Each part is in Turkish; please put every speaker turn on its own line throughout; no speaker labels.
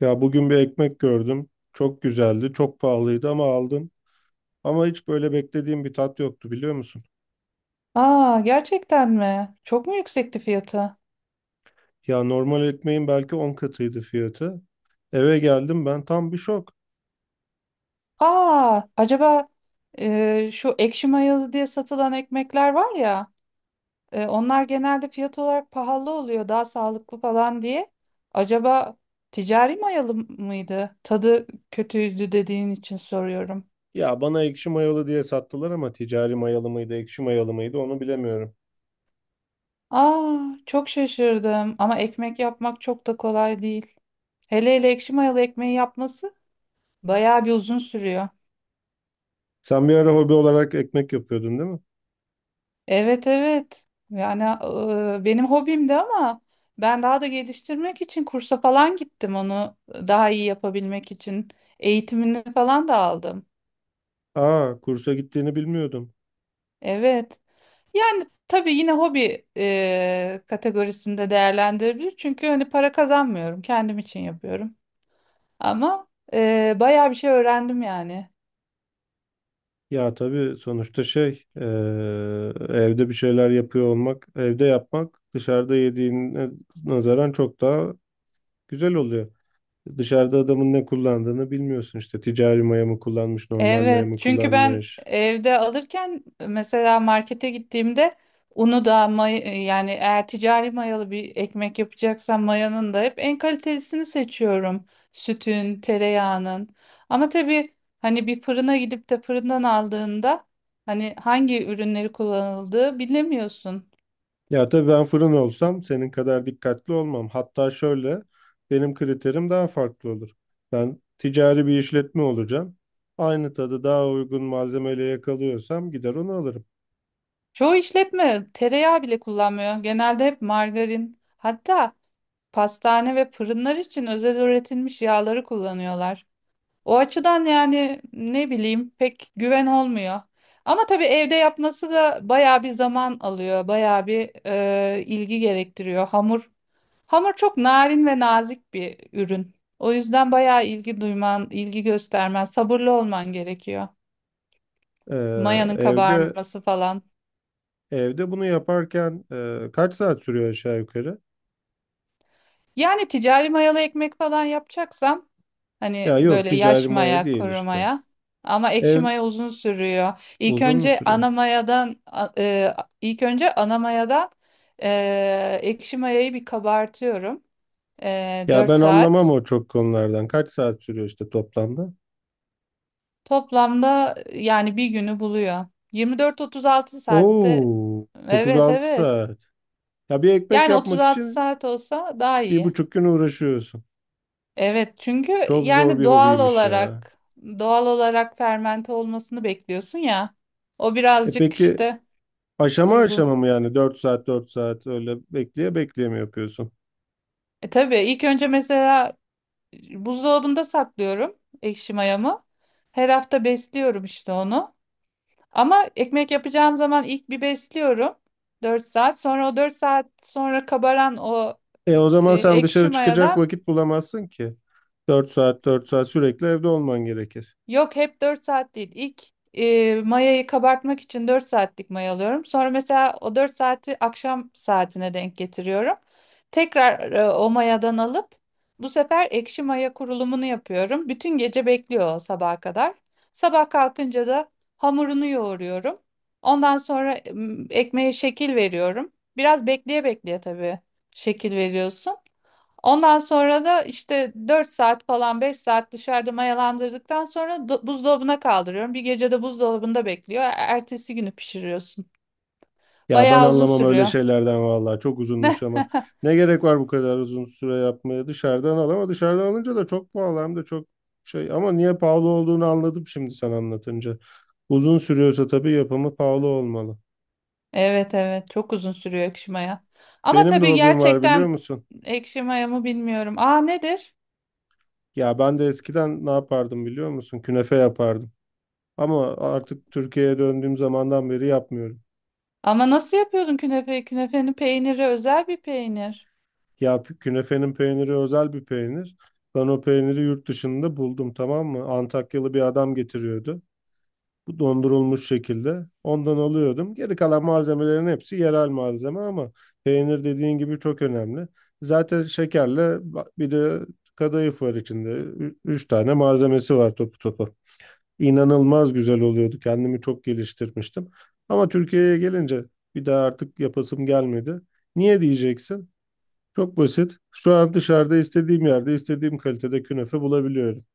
Ya bugün bir ekmek gördüm. Çok güzeldi, çok pahalıydı ama aldım. Ama hiç böyle beklediğim bir tat yoktu biliyor musun?
Aa, gerçekten mi? Çok mu yüksekti fiyatı?
Ya normal ekmeğin belki 10 katıydı fiyatı. Eve geldim ben tam bir şok.
Aa, acaba, şu ekşi mayalı diye satılan ekmekler var ya, onlar genelde fiyat olarak pahalı oluyor, daha sağlıklı falan diye. Acaba ticari mayalı mıydı? Tadı kötüydü dediğin için soruyorum.
Ya bana ekşi mayalı diye sattılar ama ticari mayalı mıydı, ekşi mayalı mıydı onu bilemiyorum.
Aa, çok şaşırdım ama ekmek yapmak çok da kolay değil. Hele hele ekşi mayalı ekmeği yapması bayağı bir uzun sürüyor.
Sen bir ara hobi olarak ekmek yapıyordun değil mi?
Evet, evet. Yani benim hobimdi ama ben daha da geliştirmek için kursa falan gittim onu daha iyi yapabilmek için. Eğitimini falan da aldım.
Aa, kursa gittiğini bilmiyordum.
Evet. Yani tabii yine hobi kategorisinde değerlendirebilir. Çünkü hani para kazanmıyorum. Kendim için yapıyorum. Ama bayağı bir şey öğrendim yani.
Ya tabii sonuçta şey, eee, evde bir şeyler yapıyor olmak, evde yapmak dışarıda yediğine nazaran çok daha güzel oluyor. Dışarıda adamın ne kullandığını bilmiyorsun işte. Ticari maya mı kullanmış, normal maya
Evet,
mı
çünkü ben
kullanmış.
evde alırken mesela markete gittiğimde unu da yani eğer ticari mayalı bir ekmek yapacaksam mayanın da hep en kalitelisini seçiyorum. Sütün, tereyağının. Ama tabii hani bir fırına gidip de fırından aldığında hani hangi ürünleri kullanıldığı bilemiyorsun.
Ya tabii ben fırın olsam senin kadar dikkatli olmam. Hatta şöyle benim kriterim daha farklı olur. Ben ticari bir işletme olacağım. Aynı tadı daha uygun malzemeyle yakalıyorsam gider onu alırım.
Çoğu işletme tereyağı bile kullanmıyor. Genelde hep margarin. Hatta pastane ve fırınlar için özel üretilmiş yağları kullanıyorlar. O açıdan yani ne bileyim pek güven olmuyor. Ama tabii evde yapması da bayağı bir zaman alıyor, bayağı bir ilgi gerektiriyor. Hamur çok narin ve nazik bir ürün. O yüzden bayağı ilgi duyman, ilgi göstermen, sabırlı olman gerekiyor.
Ee,
Mayanın
evde
kabarması falan.
evde bunu yaparken kaç saat sürüyor aşağı yukarı?
Yani ticari mayalı ekmek falan yapacaksam hani
Ya yok
böyle
ticari
yaş
maya
maya,
değil
kuru
işte.
maya. Ama ekşi
Ev
maya uzun sürüyor.
Uzun mu sürüyor?
İlk önce ana mayadan ekşi mayayı bir kabartıyorum.
Ya
4
ben anlamam
saat.
o çok konulardan. Kaç saat sürüyor işte toplamda?
Toplamda yani bir günü buluyor. 24-36 saatte.
Oo,
Evet,
36
evet.
saat. Ya bir ekmek
Yani
yapmak
36
için
saat olsa daha
bir
iyi.
buçuk gün uğraşıyorsun.
Evet çünkü
Çok zor
yani
bir
doğal
hobiymiş ya.
olarak doğal olarak fermente olmasını bekliyorsun ya. O
E
birazcık
peki
işte
aşama aşama
uzun.
mı yani 4 saat 4 saat öyle bekleye bekleye mi yapıyorsun?
E, tabii ilk önce mesela buzdolabında saklıyorum ekşi mayamı. Her hafta besliyorum işte onu. Ama ekmek yapacağım zaman ilk bir besliyorum. Dört saat. Sonra o 4 saat sonra kabaran o
E o zaman sen
ekşi
dışarı çıkacak
mayadan.
vakit bulamazsın ki. 4 saat 4 saat sürekli evde olman gerekir.
Yok, hep 4 saat değil. İlk mayayı kabartmak için 4 saatlik maya alıyorum. Sonra mesela o 4 saati akşam saatine denk getiriyorum. Tekrar o mayadan alıp bu sefer ekşi maya kurulumunu yapıyorum. Bütün gece bekliyor o sabaha kadar. Sabah kalkınca da hamurunu yoğuruyorum. Ondan sonra ekmeğe şekil veriyorum. Biraz bekleye bekleye tabii şekil veriyorsun. Ondan sonra da işte 4 saat falan 5 saat dışarıda mayalandırdıktan sonra buzdolabına kaldırıyorum. Bir gece de buzdolabında bekliyor. Ertesi günü pişiriyorsun.
Ya ben
Bayağı uzun
anlamam öyle
sürüyor.
şeylerden vallahi çok uzunmuş ama ne gerek var bu kadar uzun süre yapmaya, dışarıdan al. Ama dışarıdan alınca da çok pahalı, hem de çok şey, ama niye pahalı olduğunu anladım şimdi sen anlatınca. Uzun sürüyorsa tabii yapımı pahalı olmalı.
Evet, evet, çok uzun sürüyor ekşi maya. Ama
Benim de
tabii
hobim var biliyor
gerçekten
musun?
ekşi maya mı bilmiyorum. Aa, nedir?
Ya ben de eskiden ne yapardım biliyor musun? Künefe yapardım ama artık Türkiye'ye döndüğüm zamandan beri yapmıyorum.
Ama nasıl yapıyordun künefe? Künefenin peyniri özel bir peynir.
Ya künefenin peyniri özel bir peynir. Ben o peyniri yurt dışında buldum tamam mı? Antakyalı bir adam getiriyordu. Bu dondurulmuş şekilde ondan alıyordum. Geri kalan malzemelerin hepsi yerel malzeme ama peynir dediğin gibi çok önemli. Zaten şekerle bir de kadayıf var içinde. Üç tane malzemesi var topu topu. İnanılmaz güzel oluyordu. Kendimi çok geliştirmiştim. Ama Türkiye'ye gelince bir daha artık yapasım gelmedi. Niye diyeceksin? Çok basit. Şu an dışarıda istediğim yerde istediğim kalitede künefe bulabiliyorum.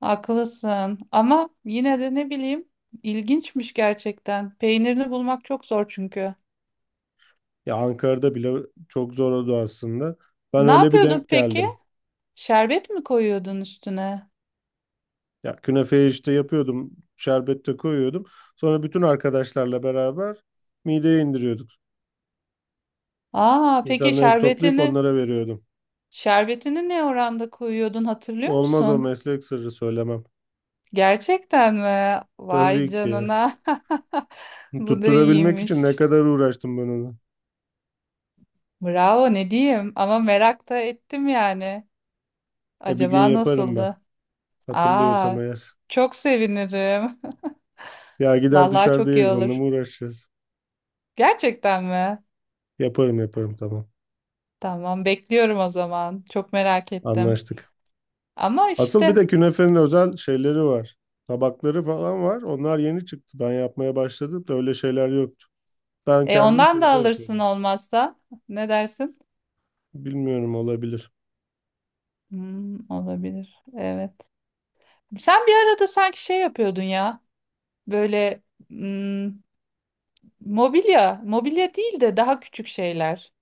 Haklısın. Ama yine de ne bileyim ilginçmiş gerçekten. Peynirini bulmak çok zor çünkü.
Ya Ankara'da bile çok zor oldu aslında. Ben
Ne
öyle bir
yapıyordun
denk
peki?
geldim.
Şerbet mi koyuyordun üstüne?
Ya künefeyi işte yapıyordum, şerbette koyuyordum. Sonra bütün arkadaşlarla beraber mideye indiriyorduk.
Aa, peki
İnsanları toplayıp
şerbetini
onlara veriyordum.
ne oranda koyuyordun hatırlıyor
Olmaz, o
musun?
meslek sırrı, söylemem.
Gerçekten mi? Vay
Tabii ki.
canına. Bu da
Tutturabilmek için ne
iyiymiş.
kadar uğraştım ben onu.
Bravo, ne diyeyim, ama merak da ettim yani.
E bir gün
Acaba
yaparım ben.
nasıldı? Aa,
Hatırlıyorsam eğer.
çok sevinirim.
Ya gider
Vallahi
dışarıda
çok iyi
yeriz, onunla
olur.
mı uğraşacağız?
Gerçekten mi?
Yaparım yaparım, tamam.
Tamam, bekliyorum o zaman. Çok merak ettim.
Anlaştık.
Ama
Asıl bir
işte.
de künefenin özel şeyleri var. Tabakları falan var. Onlar yeni çıktı. Ben yapmaya başladım da öyle şeyler yoktu. Ben kendim
Ondan da
şeyde
alırsın
yapıyordum.
olmazsa. Ne dersin?
Bilmiyorum, olabilir.
Hmm, olabilir. Evet. Sen bir arada sanki şey yapıyordun ya. Böyle, hmm, mobilya, mobilya değil de daha küçük şeyler.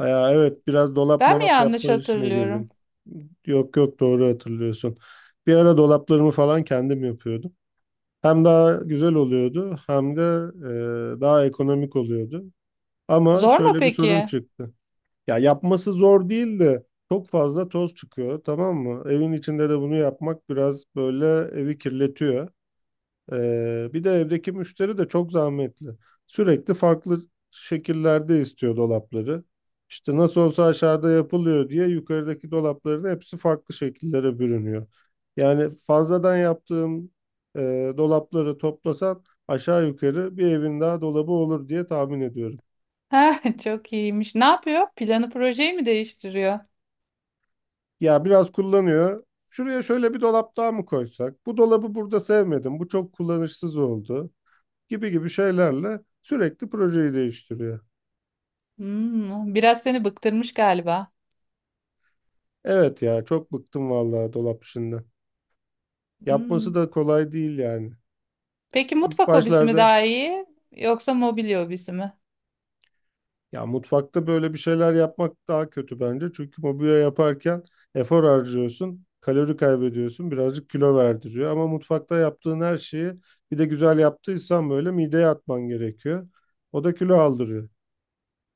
Ya evet, biraz dolap
Ben mi
molap
yanlış
yapma işine
hatırlıyorum?
girdim. Yok yok, doğru hatırlıyorsun. Bir ara dolaplarımı falan kendim yapıyordum. Hem daha güzel oluyordu hem de daha ekonomik oluyordu. Ama
Zor mu
şöyle bir
peki?
sorun çıktı. Ya yapması zor değil de çok fazla toz çıkıyor tamam mı? Evin içinde de bunu yapmak biraz böyle evi kirletiyor. Bir de evdeki müşteri de çok zahmetli. Sürekli farklı şekillerde istiyor dolapları. İşte nasıl olsa aşağıda yapılıyor diye yukarıdaki dolapların hepsi farklı şekillere bürünüyor. Yani fazladan yaptığım dolapları toplasan aşağı yukarı bir evin daha dolabı olur diye tahmin ediyorum.
Ha, çok iyiymiş. Ne yapıyor? Planı projeyi mi değiştiriyor?
Ya biraz kullanıyor. Şuraya şöyle bir dolap daha mı koysak? Bu dolabı burada sevmedim. Bu çok kullanışsız oldu. Gibi gibi şeylerle sürekli projeyi değiştiriyor.
Hmm, biraz seni bıktırmış galiba.
Evet ya, çok bıktım vallahi dolap işinden. Yapması
Hmm.
da kolay değil yani.
Peki
İlk
mutfak hobisi mi
başlarda
daha iyi yoksa mobilya hobisi mi?
ya mutfakta böyle bir şeyler yapmak daha kötü bence. Çünkü mobilya yaparken efor harcıyorsun, kalori kaybediyorsun, birazcık kilo verdiriyor. Ama mutfakta yaptığın her şeyi bir de güzel yaptıysan böyle mideye atman gerekiyor. O da kilo aldırıyor.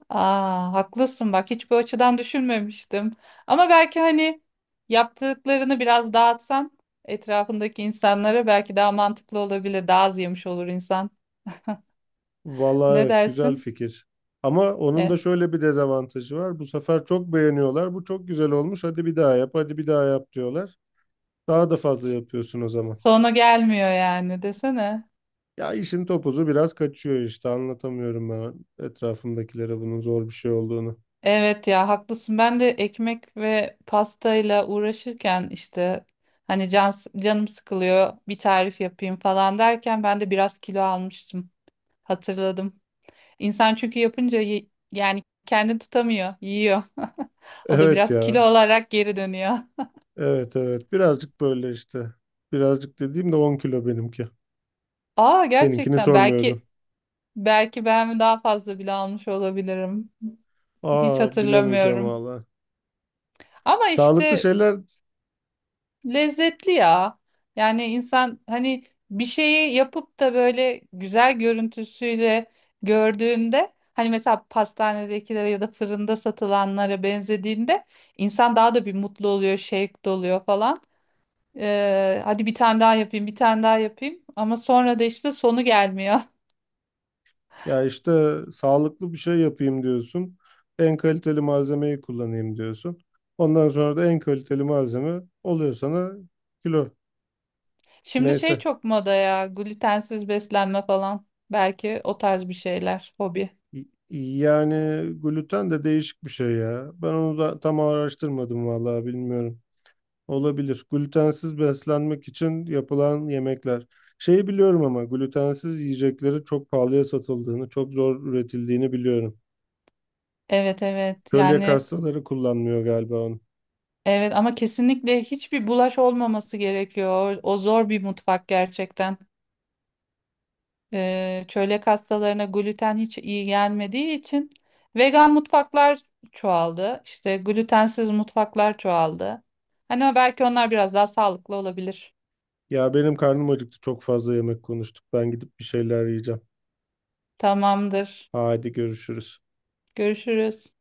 Aa, haklısın bak, hiç bu açıdan düşünmemiştim. Ama belki hani yaptıklarını biraz dağıtsan etrafındaki insanlara belki daha mantıklı olabilir. Daha az yemiş olur insan.
Vallahi
Ne
evet, güzel
dersin?
fikir. Ama onun da
E,
şöyle bir dezavantajı var. Bu sefer çok beğeniyorlar. Bu çok güzel olmuş. Hadi bir daha yap, hadi bir daha yap diyorlar. Daha da fazla yapıyorsun o zaman.
Sonu gelmiyor yani, desene.
Ya işin topuzu biraz kaçıyor işte, anlatamıyorum ben etrafımdakilere bunun zor bir şey olduğunu.
Evet ya, haklısın. Ben de ekmek ve pastayla uğraşırken işte hani canım sıkılıyor bir tarif yapayım falan derken ben de biraz kilo almıştım. Hatırladım. İnsan çünkü yapınca yani kendini tutamıyor, yiyor. O da
Evet
biraz kilo
ya.
olarak geri dönüyor.
Evet evet. Birazcık böyle işte. Birazcık dediğim de 10 kilo benimki.
Aa,
Seninkini
gerçekten, belki
sormuyorum.
ben daha fazla bile almış olabilirim. Hiç
Aa, bilemeyeceğim
hatırlamıyorum.
valla.
Ama
Sağlıklı
işte
şeyler,
lezzetli ya. Yani insan hani bir şeyi yapıp da böyle güzel görüntüsüyle gördüğünde hani mesela pastanedekilere ya da fırında satılanlara benzediğinde insan daha da bir mutlu oluyor, şevk doluyor falan. Hadi bir tane daha yapayım, bir tane daha yapayım. Ama sonra da işte sonu gelmiyor.
ya işte sağlıklı bir şey yapayım diyorsun. En kaliteli malzemeyi kullanayım diyorsun. Ondan sonra da en kaliteli malzeme oluyor sana kilo.
Şimdi şey
Neyse.
çok moda ya, glutensiz beslenme falan. Belki o tarz bir şeyler, hobi.
Yani gluten de değişik bir şey ya. Ben onu da tam araştırmadım vallahi, bilmiyorum. Olabilir. Glutensiz beslenmek için yapılan yemekler. Şeyi biliyorum ama glutensiz yiyecekleri çok pahalıya satıldığını, çok zor üretildiğini biliyorum.
Evet, evet,
Kölyak
yani
hastaları kullanmıyor galiba onu.
evet, ama kesinlikle hiçbir bulaş olmaması gerekiyor. O zor bir mutfak gerçekten. Çölyak hastalarına gluten hiç iyi gelmediği için vegan mutfaklar çoğaldı. İşte glutensiz mutfaklar çoğaldı. Hani belki onlar biraz daha sağlıklı olabilir.
Ya benim karnım acıktı, çok fazla yemek konuştuk. Ben gidip bir şeyler yiyeceğim.
Tamamdır.
Hadi görüşürüz.
Görüşürüz.